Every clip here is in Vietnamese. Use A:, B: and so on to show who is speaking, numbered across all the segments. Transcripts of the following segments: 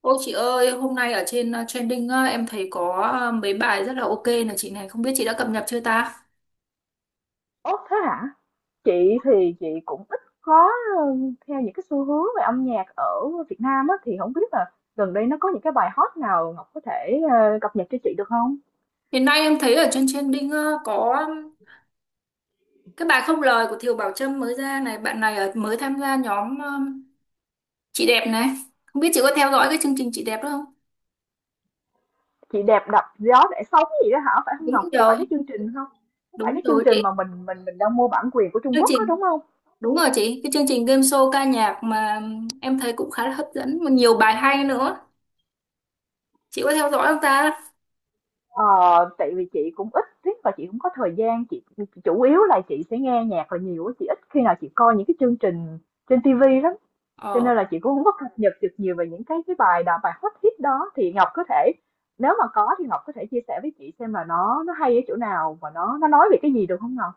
A: Ôi chị ơi, hôm nay ở trên trending, em thấy có mấy bài rất là ok này chị này, không biết chị đã cập nhật chưa ta?
B: Ố thế hả? Chị thì chị cũng ít có ừ, theo những cái xu hướng về âm nhạc ở Việt Nam á thì không biết là gần đây nó có những cái bài hot nào Ngọc có thể cập nhật cho chị được không?
A: Hiện nay em thấy ở trên trending có cái bài không lời của Thiều Bảo Trâm mới ra này, bạn này ở mới tham gia nhóm chị đẹp này. Không biết chị có theo dõi cái chương trình chị đẹp đó không?
B: Chị đẹp đập gió để sống gì đó hả? Phải không Ngọc?
A: Đúng
B: Có
A: rồi,
B: phải cái chương trình không? Có phải
A: đúng
B: cái chương
A: rồi
B: trình mà
A: chị.
B: mình đang mua bản quyền của Trung
A: Chương
B: Quốc đó
A: trình
B: đúng không?
A: đúng rồi chị, cái chương trình game show ca nhạc mà em thấy cũng khá là hấp dẫn mà nhiều bài hay nữa. Chị có theo dõi không ta?
B: Ờ, tại vì chị cũng ít thích và chị cũng có thời gian chị chủ yếu là chị sẽ nghe nhạc là nhiều á, chị ít khi nào chị coi những cái chương trình trên TV lắm. Cho
A: Ờ.
B: nên là chị cũng hông có cập nhật được nhiều về những cái bài đào bài hot hit đó, thì Ngọc có thể nếu mà có thì Ngọc có thể chia sẻ với chị xem là nó hay ở chỗ nào và nó nói về cái gì được không Ngọc?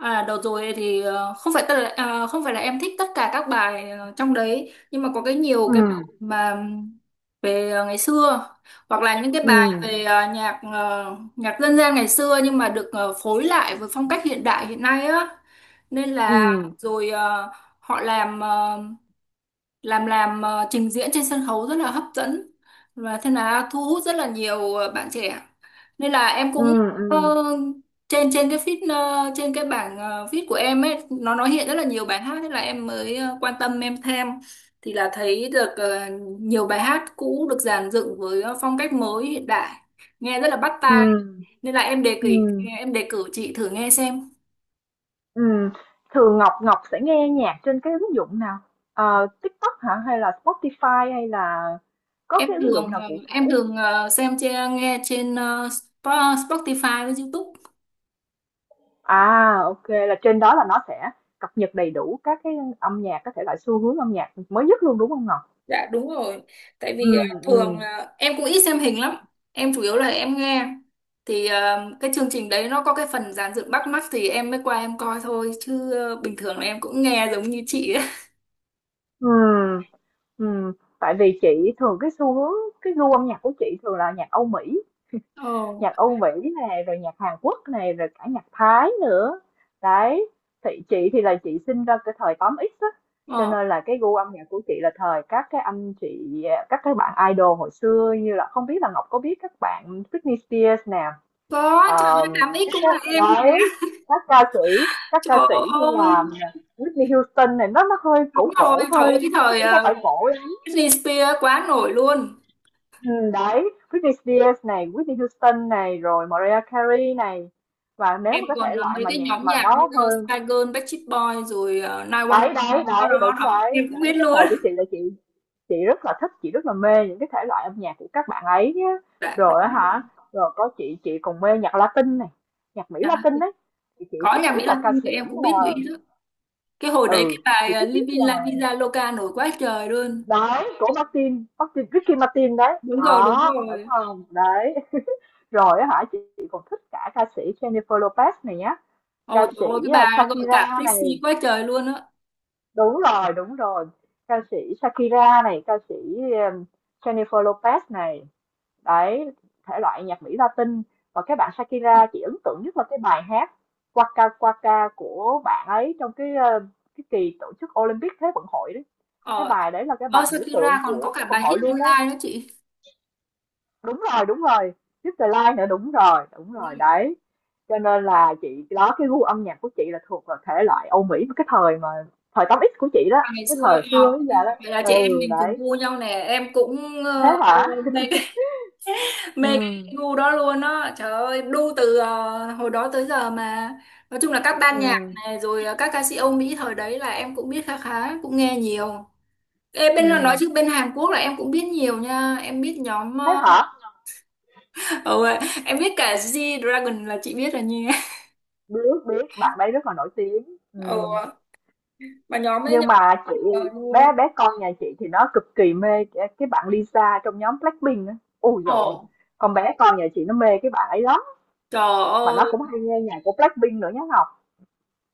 A: À, đợt rồi thì không phải tất là, à, không phải là em thích tất cả các bài trong đấy, nhưng mà có cái nhiều
B: Ừ.
A: cái bài mà về ngày xưa, hoặc là những cái bài
B: Ừ.
A: về nhạc nhạc dân gian ngày xưa, nhưng mà được phối lại với phong cách hiện đại hiện nay á, nên là
B: Ừ.
A: rồi họ trình diễn trên sân khấu rất là hấp dẫn, và thế là thu hút rất là nhiều bạn trẻ, nên là em
B: Ừ.
A: cũng
B: Ừ.
A: ờ, trên trên cái feed, trên cái bảng feed của em ấy, nó hiện rất là nhiều bài hát, thế là em mới quan tâm em thêm, thì là thấy được nhiều bài hát cũ được dàn dựng với phong cách mới hiện đại, nghe rất là bắt
B: Ừ.
A: tai, nên là em đề cử
B: Ừm.
A: em đề cử chị thử nghe xem.
B: Thường Ngọc Ngọc sẽ nghe nhạc trên cái ứng dụng nào? TikTok hả? Hay là Spotify hay là có
A: em
B: cái ứng dụng
A: thường
B: nào
A: ờ,
B: cụ thể
A: em
B: hông?
A: thường ờ, xem trên nghe trên Spotify với YouTube.
B: À, là trên đó là nó sẽ cập nhật đầy đủ các cái âm nhạc, các thể loại xu hướng âm nhạc mới nhất luôn, đúng không Ngọc?
A: Dạ đúng rồi. Tại
B: Ừ,
A: vì à, thường
B: ừ,
A: là em cũng ít xem hình lắm. Em chủ yếu là em nghe. Thì à, cái chương trình đấy nó có cái phần dàn dựng bắt mắt thì em mới qua em coi thôi. Chứ à, bình thường là em cũng nghe giống như chị ấy.
B: ừ, ừ. Tại vì chị thường cái xu hướng cái gu âm nhạc của chị thường là nhạc Âu Mỹ.
A: Ồ,
B: Nhạc Âu Mỹ này rồi nhạc Hàn Quốc này rồi cả nhạc Thái nữa đấy. Thì chị thì là chị sinh ra cái thời 8X á, cho
A: ờ.
B: nên là cái gu âm nhạc của chị là thời các cái anh chị các cái bạn idol hồi xưa như là không biết là Ngọc có biết các bạn Britney Spears
A: Có, trời ơi, 8X cũng là em
B: nè,
A: nhé.
B: đấy, các ca sĩ
A: Trời
B: như là
A: ơi,
B: Whitney Houston này, nó hơi cổ
A: đúng rồi.
B: cổ
A: Trời
B: hơi
A: ơi, cái
B: chứ
A: thời
B: cũng không
A: à,
B: phải cổ lắm.
A: Britney Spears quá nổi luôn.
B: Ừ, đấy, Britney Spears này, Whitney Houston này rồi Mariah Carey này, và nếu
A: Em
B: mà cái
A: còn
B: thể
A: à,
B: loại
A: mấy
B: mà
A: cái
B: nhạc
A: nhóm
B: mà
A: nhạc như
B: nó hơi,
A: Spice Girl, Backstreet Boys, rồi
B: đấy đấy
A: 911. Đó,
B: đấy
A: đó,
B: đúng
A: đó.
B: đấy
A: Em cũng biết
B: đấy, cái
A: luôn.
B: thời của chị là chị rất là thích, chị rất là mê những cái thể loại âm nhạc của các bạn ấy nhá.
A: Dạ, đúng.
B: Rồi á hả, rồi có chị còn mê nhạc Latin này, nhạc Mỹ
A: Dạ.
B: Latin đấy. Thì chị
A: Có
B: thích
A: nhạc
B: nhất
A: Mỹ
B: là ca
A: Latin thì
B: sĩ,
A: em cũng biết Mỹ đó, cái hồi đấy
B: ừ
A: cái
B: chị
A: bài
B: thích nhất
A: Living La Vida Loca nổi quá trời luôn.
B: đấy của Martin Martin Ricky Martin đấy,
A: Đúng rồi, đúng
B: đó đúng
A: rồi.
B: không đấy. Rồi á hả, chị còn thích cả ca sĩ Jennifer Lopez này nhá, ca
A: Ồ trời
B: sĩ
A: ơi, cái bà gọi cả
B: Shakira này.
A: flexi quá trời luôn á.
B: Đúng rồi, đúng rồi, ca sĩ Shakira này, ca sĩ um, Jennifer Lopez này, đấy, thể loại nhạc Mỹ Latin. Và cái bạn Shakira chị ấn tượng nhất là cái bài hát Waka Waka của bạn ấy trong cái kỳ tổ chức Olympic Thế vận hội đấy. Cái
A: Ờ.
B: bài đấy là cái bài biểu tượng
A: Shakira còn
B: của
A: có cả
B: Thế vận
A: bài
B: hội
A: Hit
B: luôn đấy.
A: Online đó chị.
B: Đúng rồi, Crystalline nữa, đúng
A: Ừ.
B: rồi, đấy. Cho nên là chị đó, cái gu âm nhạc của chị là thuộc vào thể loại Âu Mỹ cái thời mà, thời 8X của chị đó,
A: À, ngày
B: cái
A: xưa
B: thời
A: ấy,
B: xưa bây giờ đó.
A: vậy là chị em
B: Ừ,
A: mình cùng
B: đấy.
A: gu nhau nè, em cũng
B: Thế hả?
A: mê cái mê cái
B: Ừ,
A: gu đó luôn đó. Trời ơi, đu từ hồi đó tới giờ mà. Nói chung là các ban nhạc
B: ừ,
A: này rồi các ca sĩ Âu Mỹ thời đấy là em cũng biết khá khá, cũng nghe nhiều. Ê, bên là nói
B: ừ.
A: chứ bên Hàn Quốc là em cũng biết nhiều nha, em biết nhóm
B: Thế hả?
A: ừ, em biết cả G-Dragon là chị biết rồi nha.
B: Biết biết bạn ấy rất là nổi tiếng.
A: Ừ,
B: Ừ.
A: mà nhóm ấy
B: Nhưng
A: nhậu
B: mà
A: cờ
B: chị,
A: luôn.
B: bé bé con nhà chị thì nó cực kỳ mê cái bạn Lisa trong nhóm Blackpink á. Ôi dồi ôi.
A: Ồ,
B: Con bé con nhà chị nó mê cái bạn ấy lắm,
A: trời
B: mà nó
A: ơi,
B: cũng hay nghe nhạc của Blackpink nữa nhá Ngọc.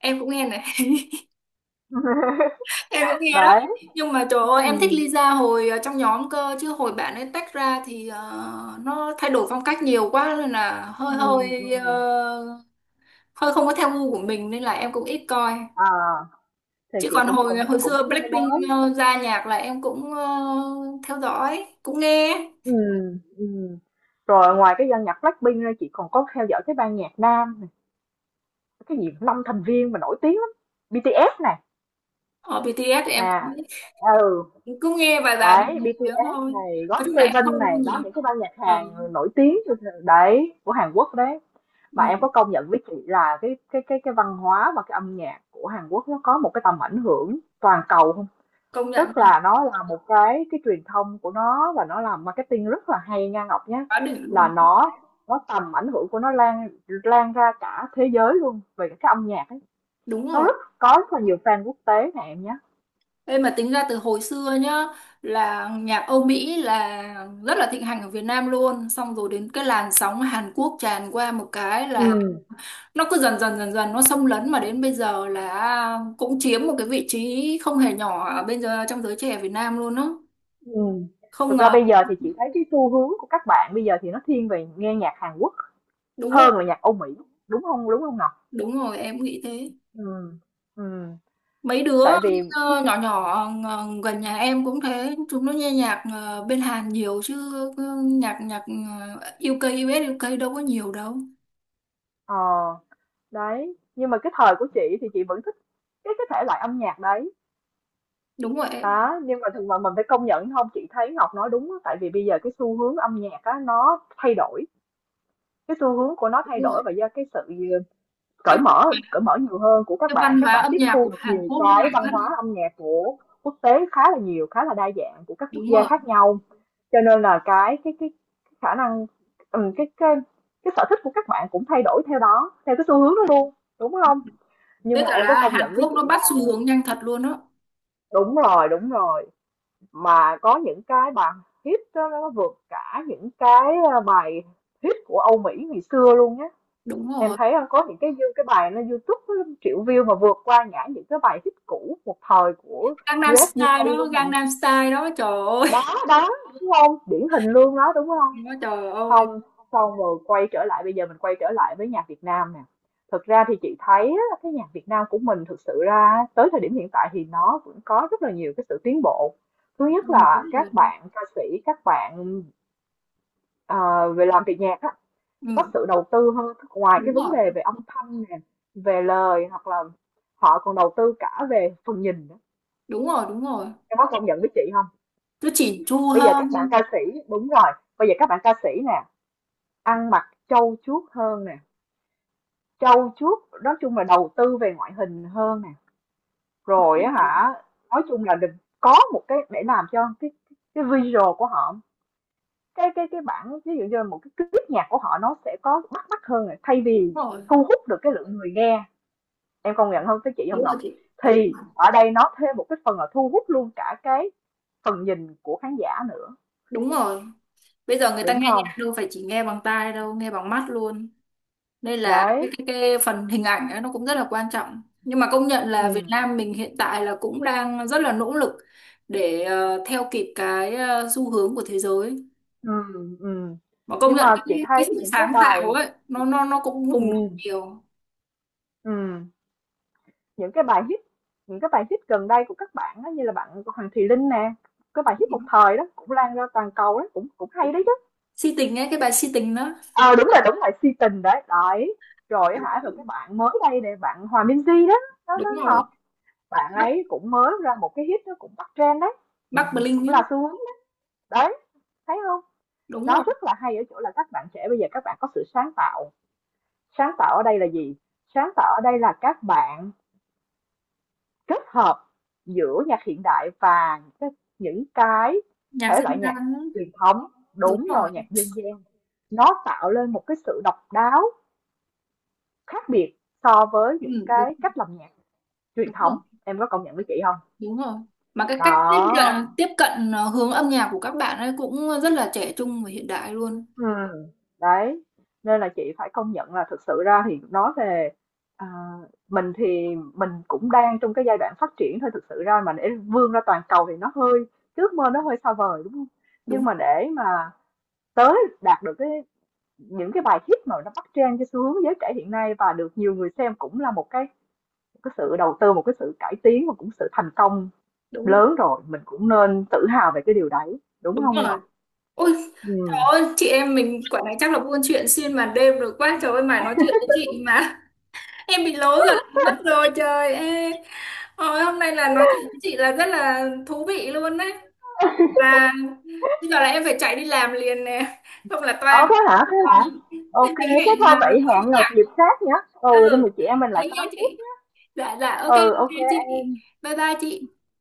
A: em cũng nghe này. Em cũng nghe đó,
B: Đấy.
A: nhưng mà trời ơi, em thích
B: Ừm.
A: Lisa hồi trong nhóm cơ, chứ hồi bạn ấy tách ra thì nó thay đổi phong cách nhiều quá, nên là hơi
B: Ừm,
A: hơi
B: ừm,
A: hơi không có theo gu của mình, nên là em cũng ít coi.
B: à, thì
A: Chứ
B: chị
A: còn
B: cũng cũng
A: hồi hồi
B: cũng
A: xưa
B: có nghe
A: Blackpink
B: nói.
A: ra nhạc là em cũng theo dõi, cũng nghe.
B: Ừm, ừm. Rồi ngoài cái ban nhạc Blackpink ra, chị còn có theo dõi cái ban nhạc nam, cái gì 5 thành viên mà nổi tiếng lắm, BTS này,
A: Ở BTS thì em
B: nè,
A: cũng
B: ừ,
A: cũng nghe vài vài bài
B: đấy,
A: nổi tiếng
B: BTS
A: thôi,
B: này,
A: nói chung là em
B: GOT7
A: không
B: này,
A: luôn
B: đó,
A: nhiều.
B: những cái ban nhạc
A: ờ,
B: Hàn nổi tiếng đấy, của Hàn Quốc đấy. Mà
A: ừ,
B: em có công nhận với chị là cái văn hóa và cái âm nhạc của Hàn Quốc nó có một cái tầm ảnh hưởng toàn cầu không?
A: công nhận
B: Tức
A: là
B: là nó là một cái truyền thông của nó, và nó làm marketing rất là hay nha Ngọc nhé.
A: quá đỉnh
B: Là
A: luôn.
B: nó tầm ảnh hưởng của nó lan lan ra cả thế giới luôn về cái âm nhạc ấy.
A: Đúng
B: Nó
A: rồi,
B: rất có, rất là nhiều fan quốc tế nè em nhé.
A: em mà tính ra từ hồi xưa nhá, là nhạc Âu Mỹ là rất là thịnh hành ở Việt Nam luôn, xong rồi đến cái làn sóng Hàn Quốc tràn qua một cái
B: Ừ.
A: là nó cứ dần dần dần dần nó xâm lấn, mà đến bây giờ là cũng chiếm một cái vị trí không hề nhỏ ở bây giờ trong giới trẻ Việt Nam luôn đó,
B: Ừ.
A: không
B: Thực ra
A: ngờ.
B: bây giờ thì chị thấy cái xu hướng của các bạn bây giờ thì nó thiên về nghe nhạc Hàn Quốc
A: Đúng rồi,
B: hơn là nhạc Âu Mỹ, đúng không? Đúng không Ngọc?
A: đúng rồi, em cũng nghĩ thế.
B: Ừ. Ừ.
A: Mấy đứa
B: Tại vì
A: nhỏ nhỏ gần nhà em cũng thế, chúng nó nghe nhạc bên Hàn nhiều chứ, cứ nhạc nhạc ờ, UK US, UK đâu có nhiều đâu.
B: ờ đấy, nhưng mà cái thời của chị thì chị vẫn thích cái thể loại âm nhạc đấy
A: Đúng rồi em,
B: đó, nhưng mà thực mà mình phải công nhận không, chị thấy Ngọc nói đúng á, tại vì bây giờ cái xu hướng âm nhạc á nó thay đổi, cái xu hướng của nó
A: đúng
B: thay
A: rồi,
B: đổi, và do cái sự ờ, cởi
A: cái văn
B: mở,
A: hóa,
B: nhiều hơn của
A: cái văn
B: các
A: hóa
B: bạn
A: âm
B: tiếp
A: nhạc
B: thu
A: của
B: được
A: Hàn
B: nhiều
A: Quốc nó
B: cái
A: mạnh
B: văn
A: lắm.
B: hóa âm nhạc của quốc tế, khá là nhiều, khá là đa dạng của các quốc
A: Đúng
B: gia
A: rồi,
B: khác nhau, cho nên là cái khả năng ừ, cái sở thích của các bạn cũng thay đổi theo đó, theo cái xu hướng đó luôn, đúng không? Nhưng
A: với
B: mà
A: cả
B: em có
A: là
B: công
A: Hàn
B: nhận với
A: Quốc
B: chị
A: nó bắt xu
B: rằng
A: hướng nhanh thật luôn đó.
B: đúng rồi, đúng rồi, mà có những cái bài hit đó, nó vượt cả những bài hit của Âu Mỹ ngày xưa luôn nhé.
A: Đúng
B: Em
A: rồi,
B: thấy có những cái bài nó YouTube nó triệu view mà vượt qua ngã những cái bài hit cũ một thời của
A: Gangnam
B: US UK
A: Style đó,
B: luôn mà,
A: Gangnam Style đó, trời ơi.
B: đó đó, đúng không, điển hình luôn đó, đúng không.
A: Nó, trời ơi.
B: Không, xong rồi quay trở lại, bây giờ mình quay trở lại với nhạc Việt Nam nè. Thực ra thì chị thấy á, cái nhạc Việt Nam của mình thực sự ra tới thời điểm hiện tại thì nó vẫn có rất là nhiều cái sự tiến bộ. Thứ
A: Ừ,
B: nhất
A: đúng
B: là
A: rồi.
B: các bạn ca sĩ, các bạn ờ, về làm việc nhạc á, có
A: Ừ,
B: sự đầu tư hơn, ngoài
A: đúng
B: cái vấn
A: rồi,
B: đề về âm thanh nè, về lời, hoặc là họ còn đầu tư cả về phần nhìn nữa.
A: đúng rồi, đúng rồi,
B: Em có công nhận với chị không?
A: cứ chỉn chu
B: Bây giờ
A: hơn.
B: các bạn ca sĩ, đúng rồi, bây giờ các bạn ca sĩ nè, ăn mặc trau chuốt hơn nè. Trau chuốt, nói chung là đầu tư về ngoại hình hơn nè, rồi á
A: Đúng
B: hả, nói chung là đừng, có một cái để làm cho cái visual của họ, cái bản ví dụ như là một cái clip nhạc của họ nó sẽ có bắt mắt hơn này, thay vì
A: rồi,
B: thu hút được cái lượng người nghe, em công nhận không cái chị không
A: đúng rồi
B: Ngọc?
A: chị, đúng
B: Thì
A: rồi,
B: ở đây nó thêm một cái phần là thu hút luôn cả cái phần nhìn của khán giả nữa,
A: đúng rồi, bây giờ người ta
B: đúng
A: nghe
B: không?
A: nhạc đâu phải chỉ nghe bằng tai đâu, nghe bằng mắt luôn, nên là
B: Đấy,
A: cái phần hình ảnh ấy nó cũng rất là quan trọng. Nhưng mà công nhận là Việt
B: ừ,
A: Nam mình hiện tại là cũng đang rất là nỗ lực để theo kịp cái xu hướng của thế giới,
B: ừ, ừ.
A: mà công
B: Nhưng mà
A: nhận
B: chị
A: cái
B: thấy
A: sự
B: những cái
A: sáng
B: bài,
A: tạo ấy nó cũng
B: ừ,
A: bùng nổ nhiều.
B: ừ, những cái bài hit, những cái bài hit gần đây của các bạn đó, như là bạn của Hoàng Thùy Linh nè, cái bài hit một thời đó cũng lan ra toàn cầu đó, cũng cũng hay đấy chứ.
A: Si tình ấy, cái bài si tình đó.
B: Ờ à, đúng là si tình đấy đấy. Rồi hả, rồi cái bạn mới đây nè, bạn Hòa Minh Di đó, nó
A: Đúng
B: nó
A: rồi,
B: Ngọc, bạn
A: Bắc
B: ấy cũng mới ra một cái hit nó cũng bắt trend đấy,
A: Bắc Bling
B: cũng là
A: ấy.
B: xu hướng đấy. Đấy, thấy không,
A: Đúng
B: nó
A: rồi,
B: rất là hay ở chỗ là các bạn trẻ bây giờ các bạn có sự sáng tạo. Sáng tạo ở đây là gì? Sáng tạo ở đây là các bạn kết hợp giữa nhạc hiện đại và những cái
A: nhạc
B: thể
A: dân
B: loại
A: gian
B: nhạc
A: ấy.
B: truyền thống,
A: Đúng
B: đúng
A: rồi,
B: rồi, nhạc dân gian, nó tạo lên một cái sự độc đáo, khác biệt so với những
A: ừ, đúng,
B: cái cách làm nhạc truyền
A: đúng rồi,
B: thống, em có công nhận với chị không?
A: đúng rồi, mà cái cách tiếp
B: Đó.
A: cận tiếp cận ờ, hướng âm nhạc của các bạn ấy cũng rất là trẻ trung và hiện đại luôn.
B: Ừ, đấy, nên là chị phải công nhận là thực sự ra thì nói về à, mình thì mình cũng đang trong cái giai đoạn phát triển thôi, thực sự ra mà để vươn ra toàn cầu thì nó hơi, ước mơ nó hơi xa vời, đúng không? Nhưng
A: Đúng,
B: mà để mà tới đạt được cái những cái bài hit mà nó bắt trend cái xu hướng giới trẻ hiện nay và được nhiều người xem cũng là một cái, một cái sự đầu tư, một cái sự cải tiến, và cũng sự thành công
A: đúng,
B: lớn rồi, mình cũng nên tự hào về cái điều đấy, đúng
A: đúng
B: không Ngọc?
A: rồi. Ôi trời
B: Ừ.
A: ơi, chị em mình quả này chắc là buôn chuyện xuyên màn đêm rồi, quá trời ơi mà nói chuyện với chị mà em bị lố rồi, mất rồi, trời ơi. Hồi hôm nay là nói chuyện với chị là rất là thú vị luôn đấy. Và bây giờ là em phải chạy đi làm liền nè, không là
B: Ờ
A: toang.
B: thế hả, thế hả,
A: Vâng, thế
B: ok
A: mình
B: thế
A: hẹn
B: thôi
A: là
B: vậy,
A: có gì
B: hẹn Ngọc
A: ạ?
B: dịp khác nhé. Ừ tụi
A: Ừ,
B: mình, chị em mình lại
A: thế nha
B: tám tiếp.
A: chị. Dạ, dạ, ok, ok
B: Ừ, ok
A: chị.
B: em.
A: Bye bye chị.